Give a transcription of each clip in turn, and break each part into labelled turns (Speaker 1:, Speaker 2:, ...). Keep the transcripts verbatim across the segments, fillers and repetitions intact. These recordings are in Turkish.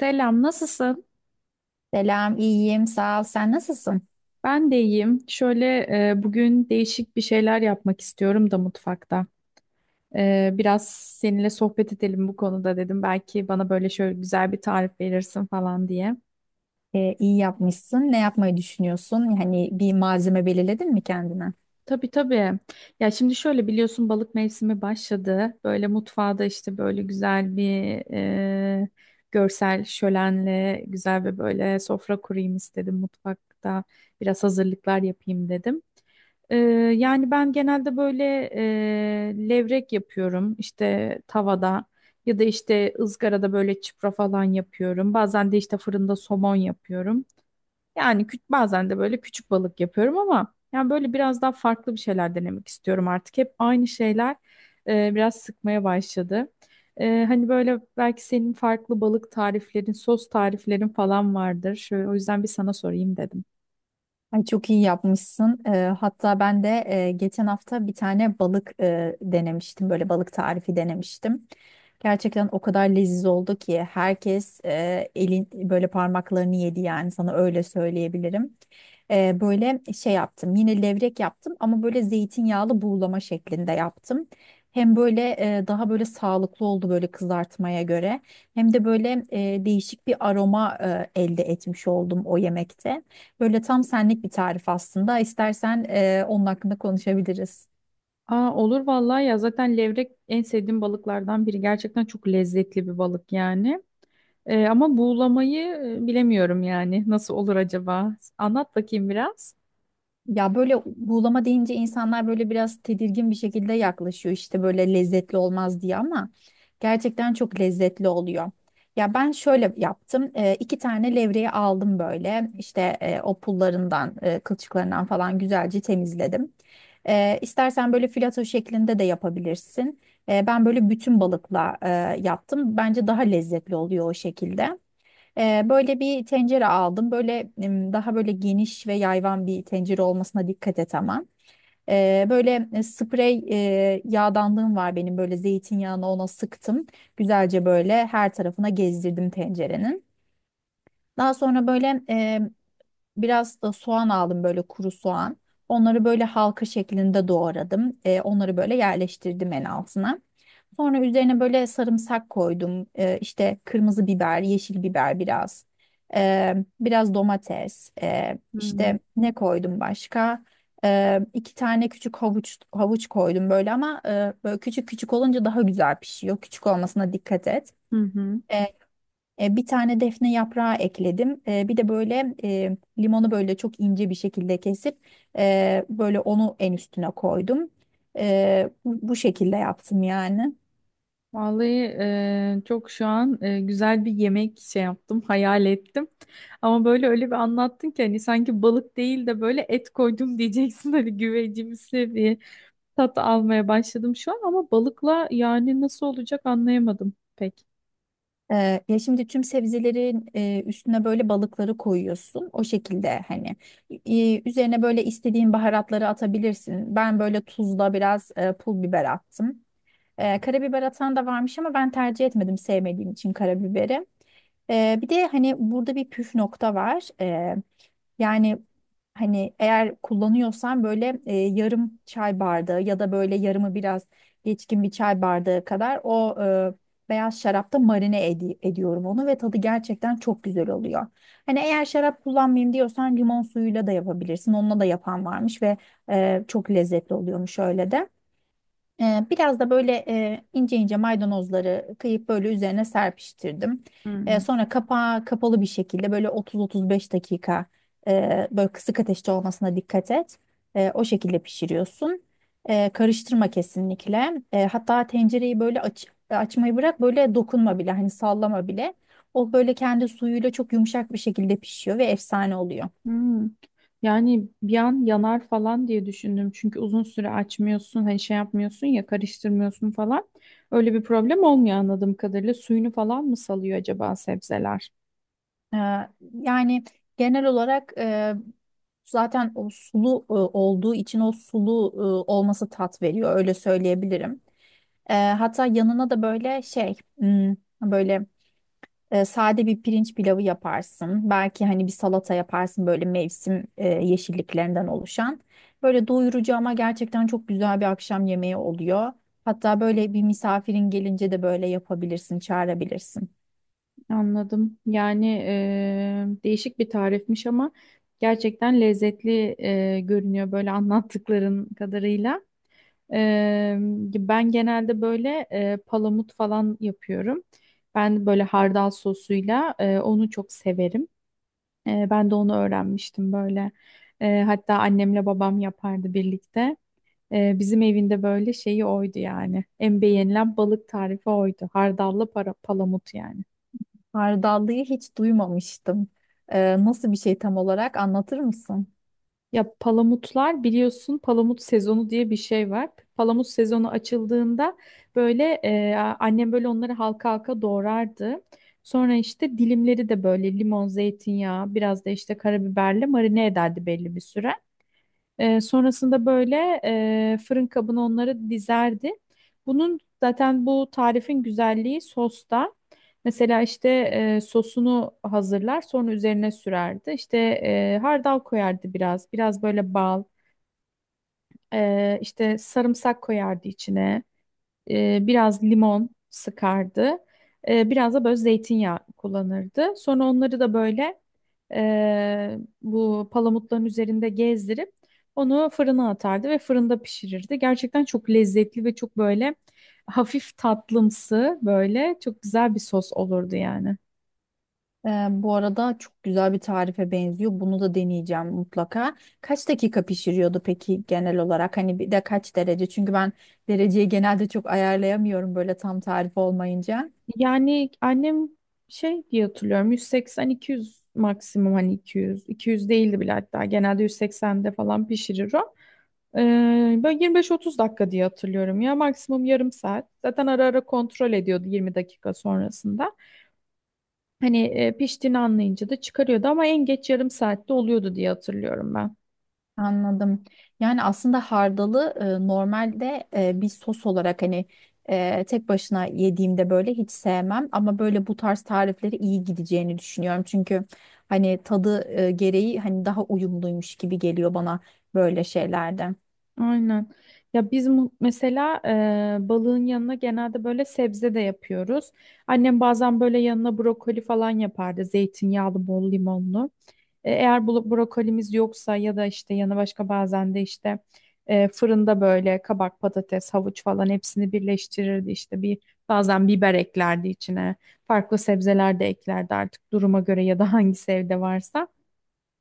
Speaker 1: Selam, nasılsın?
Speaker 2: Selam, iyiyim, sağ ol. Sen nasılsın?
Speaker 1: Ben de iyiyim. Şöyle e, bugün değişik bir şeyler yapmak istiyorum da mutfakta. E, biraz seninle sohbet edelim bu konuda dedim. Belki bana böyle şöyle güzel bir tarif verirsin falan diye.
Speaker 2: Ee, iyi yapmışsın. Ne yapmayı düşünüyorsun? Yani bir malzeme belirledin mi kendine?
Speaker 1: Tabii tabii. Ya şimdi şöyle biliyorsun balık mevsimi başladı. Böyle mutfağda işte böyle güzel bir e, görsel şölenle güzel ve böyle sofra kurayım istedim mutfakta. Biraz hazırlıklar yapayım dedim. Ee, Yani ben genelde böyle e, levrek yapıyorum işte tavada ya da işte ızgarada böyle çipra falan yapıyorum. Bazen de işte fırında somon yapıyorum. Yani küç- bazen de böyle küçük balık yapıyorum ama yani böyle biraz daha farklı bir şeyler denemek istiyorum artık. Hep aynı şeyler e, biraz sıkmaya başladı. E, hani böyle belki senin farklı balık tariflerin, sos tariflerin falan vardır. Şöyle, o yüzden bir sana sorayım dedim.
Speaker 2: Ay çok iyi yapmışsın. Ee, hatta ben de e, geçen hafta bir tane balık e, denemiştim. Böyle balık tarifi denemiştim. Gerçekten o kadar leziz oldu ki herkes e, elin böyle parmaklarını yedi, yani sana öyle söyleyebilirim. E, böyle şey yaptım, yine levrek yaptım ama böyle zeytinyağlı buğulama şeklinde yaptım. Hem böyle e, daha böyle sağlıklı oldu böyle kızartmaya göre, hem de böyle e, değişik bir aroma e, elde etmiş oldum o yemekte. Böyle tam senlik bir tarif aslında. İstersen e, onun hakkında konuşabiliriz.
Speaker 1: Aa, olur vallahi ya, zaten levrek en sevdiğim balıklardan biri. Gerçekten çok lezzetli bir balık yani. Ee, ama buğulamayı e, bilemiyorum yani. Nasıl olur acaba? Anlat bakayım biraz.
Speaker 2: Ya böyle buğulama deyince insanlar böyle biraz tedirgin bir şekilde yaklaşıyor, işte böyle lezzetli olmaz diye, ama gerçekten çok lezzetli oluyor. Ya ben şöyle yaptım. Ee, iki tane levreyi aldım, böyle işte e, o pullarından, e, kılçıklarından falan güzelce temizledim. Ee, istersen böyle filato şeklinde de yapabilirsin. Ee, ben böyle bütün balıkla e, yaptım, bence daha lezzetli oluyor o şekilde. Ee, böyle bir tencere aldım. Böyle em, daha böyle geniş ve yayvan bir tencere olmasına dikkat et ama. Ee, böyle e, sprey e, yağdanlığım var benim. Böyle zeytinyağını ona sıktım. Güzelce böyle her tarafına gezdirdim tencerenin. Daha sonra böyle e, biraz da soğan aldım, böyle kuru soğan. Onları böyle halka şeklinde doğradım. E, onları böyle yerleştirdim en altına. Sonra üzerine böyle sarımsak koydum. Ee, işte kırmızı biber, yeşil biber biraz. Ee, Biraz domates. Ee,
Speaker 1: Hmm.
Speaker 2: işte ne koydum başka? Ee, iki tane küçük havuç havuç koydum böyle, ama e, böyle küçük küçük olunca daha güzel pişiyor. Küçük olmasına dikkat et.
Speaker 1: Hı hı.
Speaker 2: Ee, e, Bir tane defne yaprağı ekledim. Ee, bir de böyle e, limonu böyle çok ince bir şekilde kesip e, böyle onu en üstüne koydum. Ee, bu bu şekilde yaptım yani.
Speaker 1: Vallahi e, çok şu an e, güzel bir yemek şey yaptım, hayal ettim. Ama böyle öyle bir anlattın ki hani sanki balık değil de böyle et koydum diyeceksin hani güvecimsi bir tat almaya başladım şu an ama balıkla yani nasıl olacak anlayamadım pek.
Speaker 2: Ee, ya şimdi tüm sebzelerin e, üstüne böyle balıkları koyuyorsun. O şekilde hani e, üzerine böyle istediğin baharatları atabilirsin. Ben böyle tuzla biraz e, pul biber attım. Ee, karabiber atan da varmış ama ben tercih etmedim sevmediğim için karabiberi. Ee, bir de hani burada bir püf nokta var. Ee, yani Hani eğer kullanıyorsan böyle e, yarım çay bardağı ya da böyle yarımı biraz geçkin bir çay bardağı kadar o e, beyaz şarapta marine edi- ediyorum onu ve tadı gerçekten çok güzel oluyor. Hani eğer şarap kullanmayayım diyorsan limon suyuyla da yapabilirsin. Onunla da yapan varmış ve e, çok lezzetli oluyormuş öyle de. Ee, Biraz da böyle e, ince ince maydanozları kıyıp böyle üzerine serpiştirdim. Ee,
Speaker 1: Hı.
Speaker 2: sonra kapağı kapalı bir şekilde böyle otuz otuz beş dakika, e, böyle kısık ateşte olmasına dikkat et. E, o şekilde pişiriyorsun. E, karıştırma kesinlikle. E, hatta tencereyi böyle aç, açmayı bırak, böyle dokunma bile, hani sallama bile. O böyle kendi suyuyla çok yumuşak bir şekilde pişiyor ve efsane oluyor.
Speaker 1: Hmm. Yani bir an yanar falan diye düşündüm. Çünkü uzun süre açmıyorsun, hani şey yapmıyorsun ya, karıştırmıyorsun falan. Öyle bir problem olmuyor anladığım kadarıyla. Suyunu falan mı salıyor acaba sebzeler?
Speaker 2: Ee, yani Genel olarak e, zaten o sulu e, olduğu için, o sulu e, olması tat veriyor, öyle söyleyebilirim. Ee, hatta yanına da böyle şey, hmm, böyle. E, sade bir pirinç pilavı yaparsın. Belki hani bir salata yaparsın böyle mevsim e, yeşilliklerinden oluşan. Böyle doyurucu ama gerçekten çok güzel bir akşam yemeği oluyor. Hatta böyle bir misafirin gelince de böyle yapabilirsin, çağırabilirsin.
Speaker 1: Anladım. Yani eee, değişik bir tarifmiş ama gerçekten lezzetli eee, görünüyor böyle anlattıkların kadarıyla. Eee, Ben genelde böyle eee, palamut falan yapıyorum. Ben böyle hardal sosuyla eee, onu çok severim. Ee, ben de onu öğrenmiştim böyle. Ee, hatta annemle babam yapardı birlikte. Ee, bizim evinde böyle şeyi oydu yani. En beğenilen balık tarifi oydu. Hardallı para, palamut yani.
Speaker 2: Hardallıyı hiç duymamıştım. E, nasıl bir şey tam olarak anlatır mısın?
Speaker 1: Ya palamutlar biliyorsun palamut sezonu diye bir şey var. Palamut sezonu açıldığında böyle e, annem böyle onları halka halka doğrardı. Sonra işte dilimleri de böyle limon, zeytinyağı, biraz da işte karabiberle marine ederdi belli bir süre. Ee, sonrasında böyle e, fırın kabına onları dizerdi. Bunun zaten bu tarifin güzelliği sosta. Mesela işte e, sosunu hazırlar, sonra üzerine sürerdi. İşte e, hardal koyardı biraz, biraz böyle bal, e, işte sarımsak koyardı içine, e, biraz limon sıkardı. E, biraz da böyle zeytinyağı kullanırdı. Sonra onları da böyle e, bu palamutların üzerinde gezdirip onu fırına atardı ve fırında pişirirdi. Gerçekten çok lezzetli ve çok böyle hafif tatlımsı, böyle çok güzel bir sos olurdu yani.
Speaker 2: Ee, bu arada çok güzel bir tarife benziyor. Bunu da deneyeceğim mutlaka. Kaç dakika pişiriyordu peki genel olarak? Hani bir de kaç derece? Çünkü ben dereceyi genelde çok ayarlayamıyorum böyle tam tarif olmayınca.
Speaker 1: Yani annem şey diye hatırlıyorum yüz seksen iki yüz maksimum, hani iki yüz iki yüz değildi bile, hatta genelde yüz seksende falan pişirir o. Ee, böyle yirmi beş otuz dakika diye hatırlıyorum ya, maksimum yarım saat. Zaten ara ara kontrol ediyordu yirmi dakika sonrasında. Hani e, piştiğini anlayınca da çıkarıyordu, ama en geç yarım saatte oluyordu diye hatırlıyorum.
Speaker 2: Anladım. Yani aslında hardalı e, normalde e, bir sos olarak hani e, tek başına yediğimde böyle hiç sevmem. Ama böyle bu tarz tarifleri iyi gideceğini düşünüyorum. Çünkü hani tadı e, gereği hani daha uyumluymuş gibi geliyor bana böyle şeylerde.
Speaker 1: Aynen. Ya biz mu- mesela e, balığın yanına genelde böyle sebze de yapıyoruz. Annem bazen böyle yanına brokoli falan yapardı. Zeytinyağlı, bol limonlu. E, eğer bu brokolimiz yoksa ya da işte yanı başka, bazen de işte e, fırında böyle kabak, patates, havuç falan hepsini birleştirirdi. İşte bir, bazen biber eklerdi içine. Farklı sebzeler de eklerdi artık duruma göre ya da hangisi evde varsa.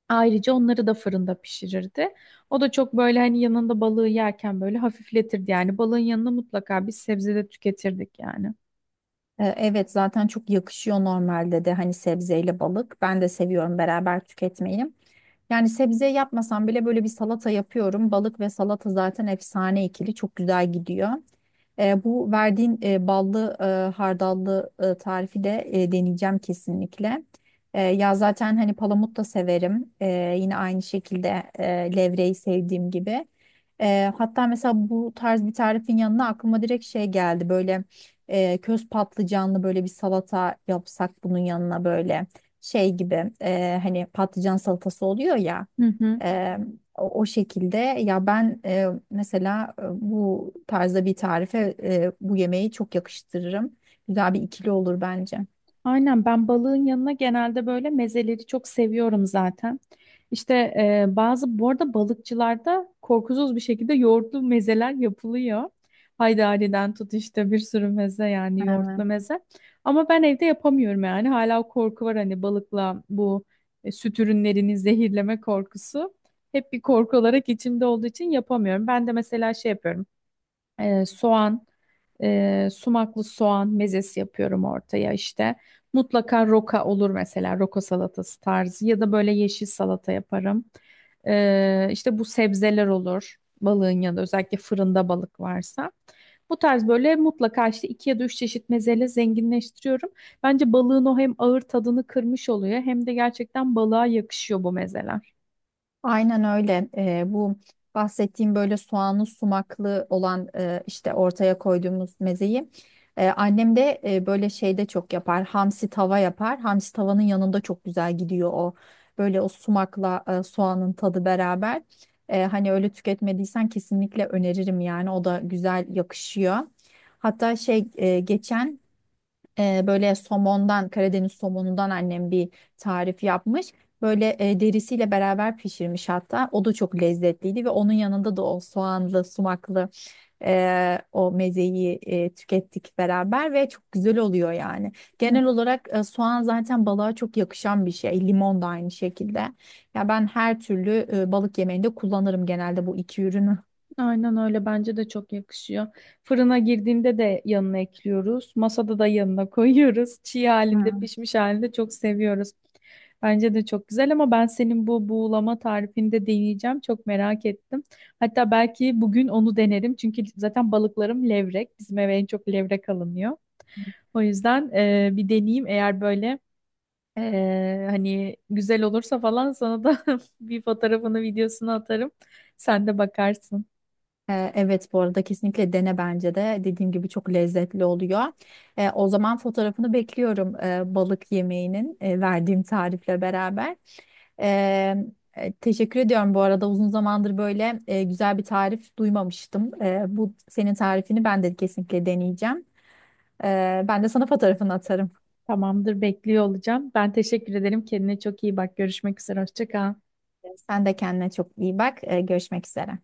Speaker 1: Ayrıca onları da fırında pişirirdi. O da çok böyle hani yanında balığı yerken böyle hafifletirdi. Yani balığın yanına mutlaka bir sebze de tüketirdik yani.
Speaker 2: E, Evet, zaten çok yakışıyor normalde de hani sebzeyle balık. Ben de seviyorum beraber tüketmeyi. Yani sebze yapmasam bile böyle bir salata yapıyorum. Balık ve salata zaten efsane ikili, çok güzel gidiyor. E, bu verdiğin e, ballı e, hardallı e, tarifi de e, deneyeceğim kesinlikle. E, ya zaten hani palamut da severim. E, yine aynı şekilde e, levreyi sevdiğim gibi. E, hatta mesela bu tarz bir tarifin yanına aklıma direkt şey geldi. Böyle e, köz patlıcanlı böyle bir salata yapsak bunun yanına, böyle şey gibi, e, hani patlıcan salatası oluyor ya.
Speaker 1: Hı hı.
Speaker 2: Eee, o, o şekilde ya ben eee, mesela eee, bu tarzda bir tarife eee, bu yemeği çok yakıştırırım. Güzel bir ikili olur bence.
Speaker 1: Aynen, ben balığın yanına genelde böyle mezeleri çok seviyorum zaten. İşte e, bazı bu arada balıkçılarda korkusuz bir şekilde yoğurtlu mezeler yapılıyor. Haydari'den tut işte bir sürü meze, yani yoğurtlu
Speaker 2: Evet.
Speaker 1: meze. Ama ben evde yapamıyorum yani, hala o korku var hani balıkla bu e, süt ürünlerini zehirleme korkusu. Hep bir korku olarak içimde olduğu için yapamıyorum. Ben de mesela şey yapıyorum, e, soğan, e, sumaklı soğan mezesi yapıyorum ortaya işte. Mutlaka roka olur, mesela roka salatası tarzı ya da böyle yeşil salata yaparım. E, işte bu sebzeler olur balığın yanında, özellikle fırında balık varsa. Bu tarz böyle mutlaka işte iki ya da üç çeşit mezeyle zenginleştiriyorum. Bence balığın o hem ağır tadını kırmış oluyor hem de gerçekten balığa yakışıyor bu mezeler.
Speaker 2: Aynen öyle. Ee, bu bahsettiğim böyle soğanlı sumaklı olan e, işte ortaya koyduğumuz mezeyi e, annem de e, böyle şeyde çok yapar. Hamsi tava yapar. Hamsi tavanın yanında çok güzel gidiyor o. Böyle o sumakla e, soğanın tadı beraber. E, hani öyle tüketmediysen kesinlikle öneririm yani. O da güzel yakışıyor. Hatta şey e, geçen e, böyle somondan, Karadeniz somonundan annem bir tarif yapmış. Böyle e, derisiyle beraber pişirmiş hatta. O da çok lezzetliydi ve onun yanında da o soğanlı, sumaklı e, o mezeyi e, tükettik beraber ve çok güzel oluyor yani. Genel olarak e, soğan zaten balığa çok yakışan bir şey. Limon da aynı şekilde. Ya ben her türlü e, balık yemeğinde kullanırım genelde bu iki ürünü.
Speaker 1: Aynen öyle, bence de çok yakışıyor. Fırına girdiğinde de yanına ekliyoruz. Masada da yanına koyuyoruz. Çiğ halinde,
Speaker 2: Hı.
Speaker 1: pişmiş halinde çok seviyoruz. Bence de çok güzel, ama ben senin bu buğulama tarifini de deneyeceğim. Çok merak ettim. Hatta belki bugün onu denerim. Çünkü zaten balıklarım levrek. Bizim eve en çok levrek alınıyor. O yüzden e, bir deneyeyim. Eğer böyle e, hani güzel olursa falan sana da bir fotoğrafını, videosunu atarım. Sen de bakarsın.
Speaker 2: Ee, Evet, bu arada kesinlikle dene bence de. Dediğim gibi çok lezzetli oluyor. Ee, o zaman fotoğrafını bekliyorum e, balık yemeğinin, e, verdiğim tarifle beraber. Ee, e, Teşekkür ediyorum, bu arada uzun zamandır böyle e, güzel bir tarif duymamıştım. Ee, bu senin tarifini ben de kesinlikle deneyeceğim. Ee, ben de sana fotoğrafını atarım.
Speaker 1: Tamamdır, bekliyor olacağım. Ben teşekkür ederim. Kendine çok iyi bak. Görüşmek üzere. Hoşça kal.
Speaker 2: Sen de kendine çok iyi bak. Ee, görüşmek üzere.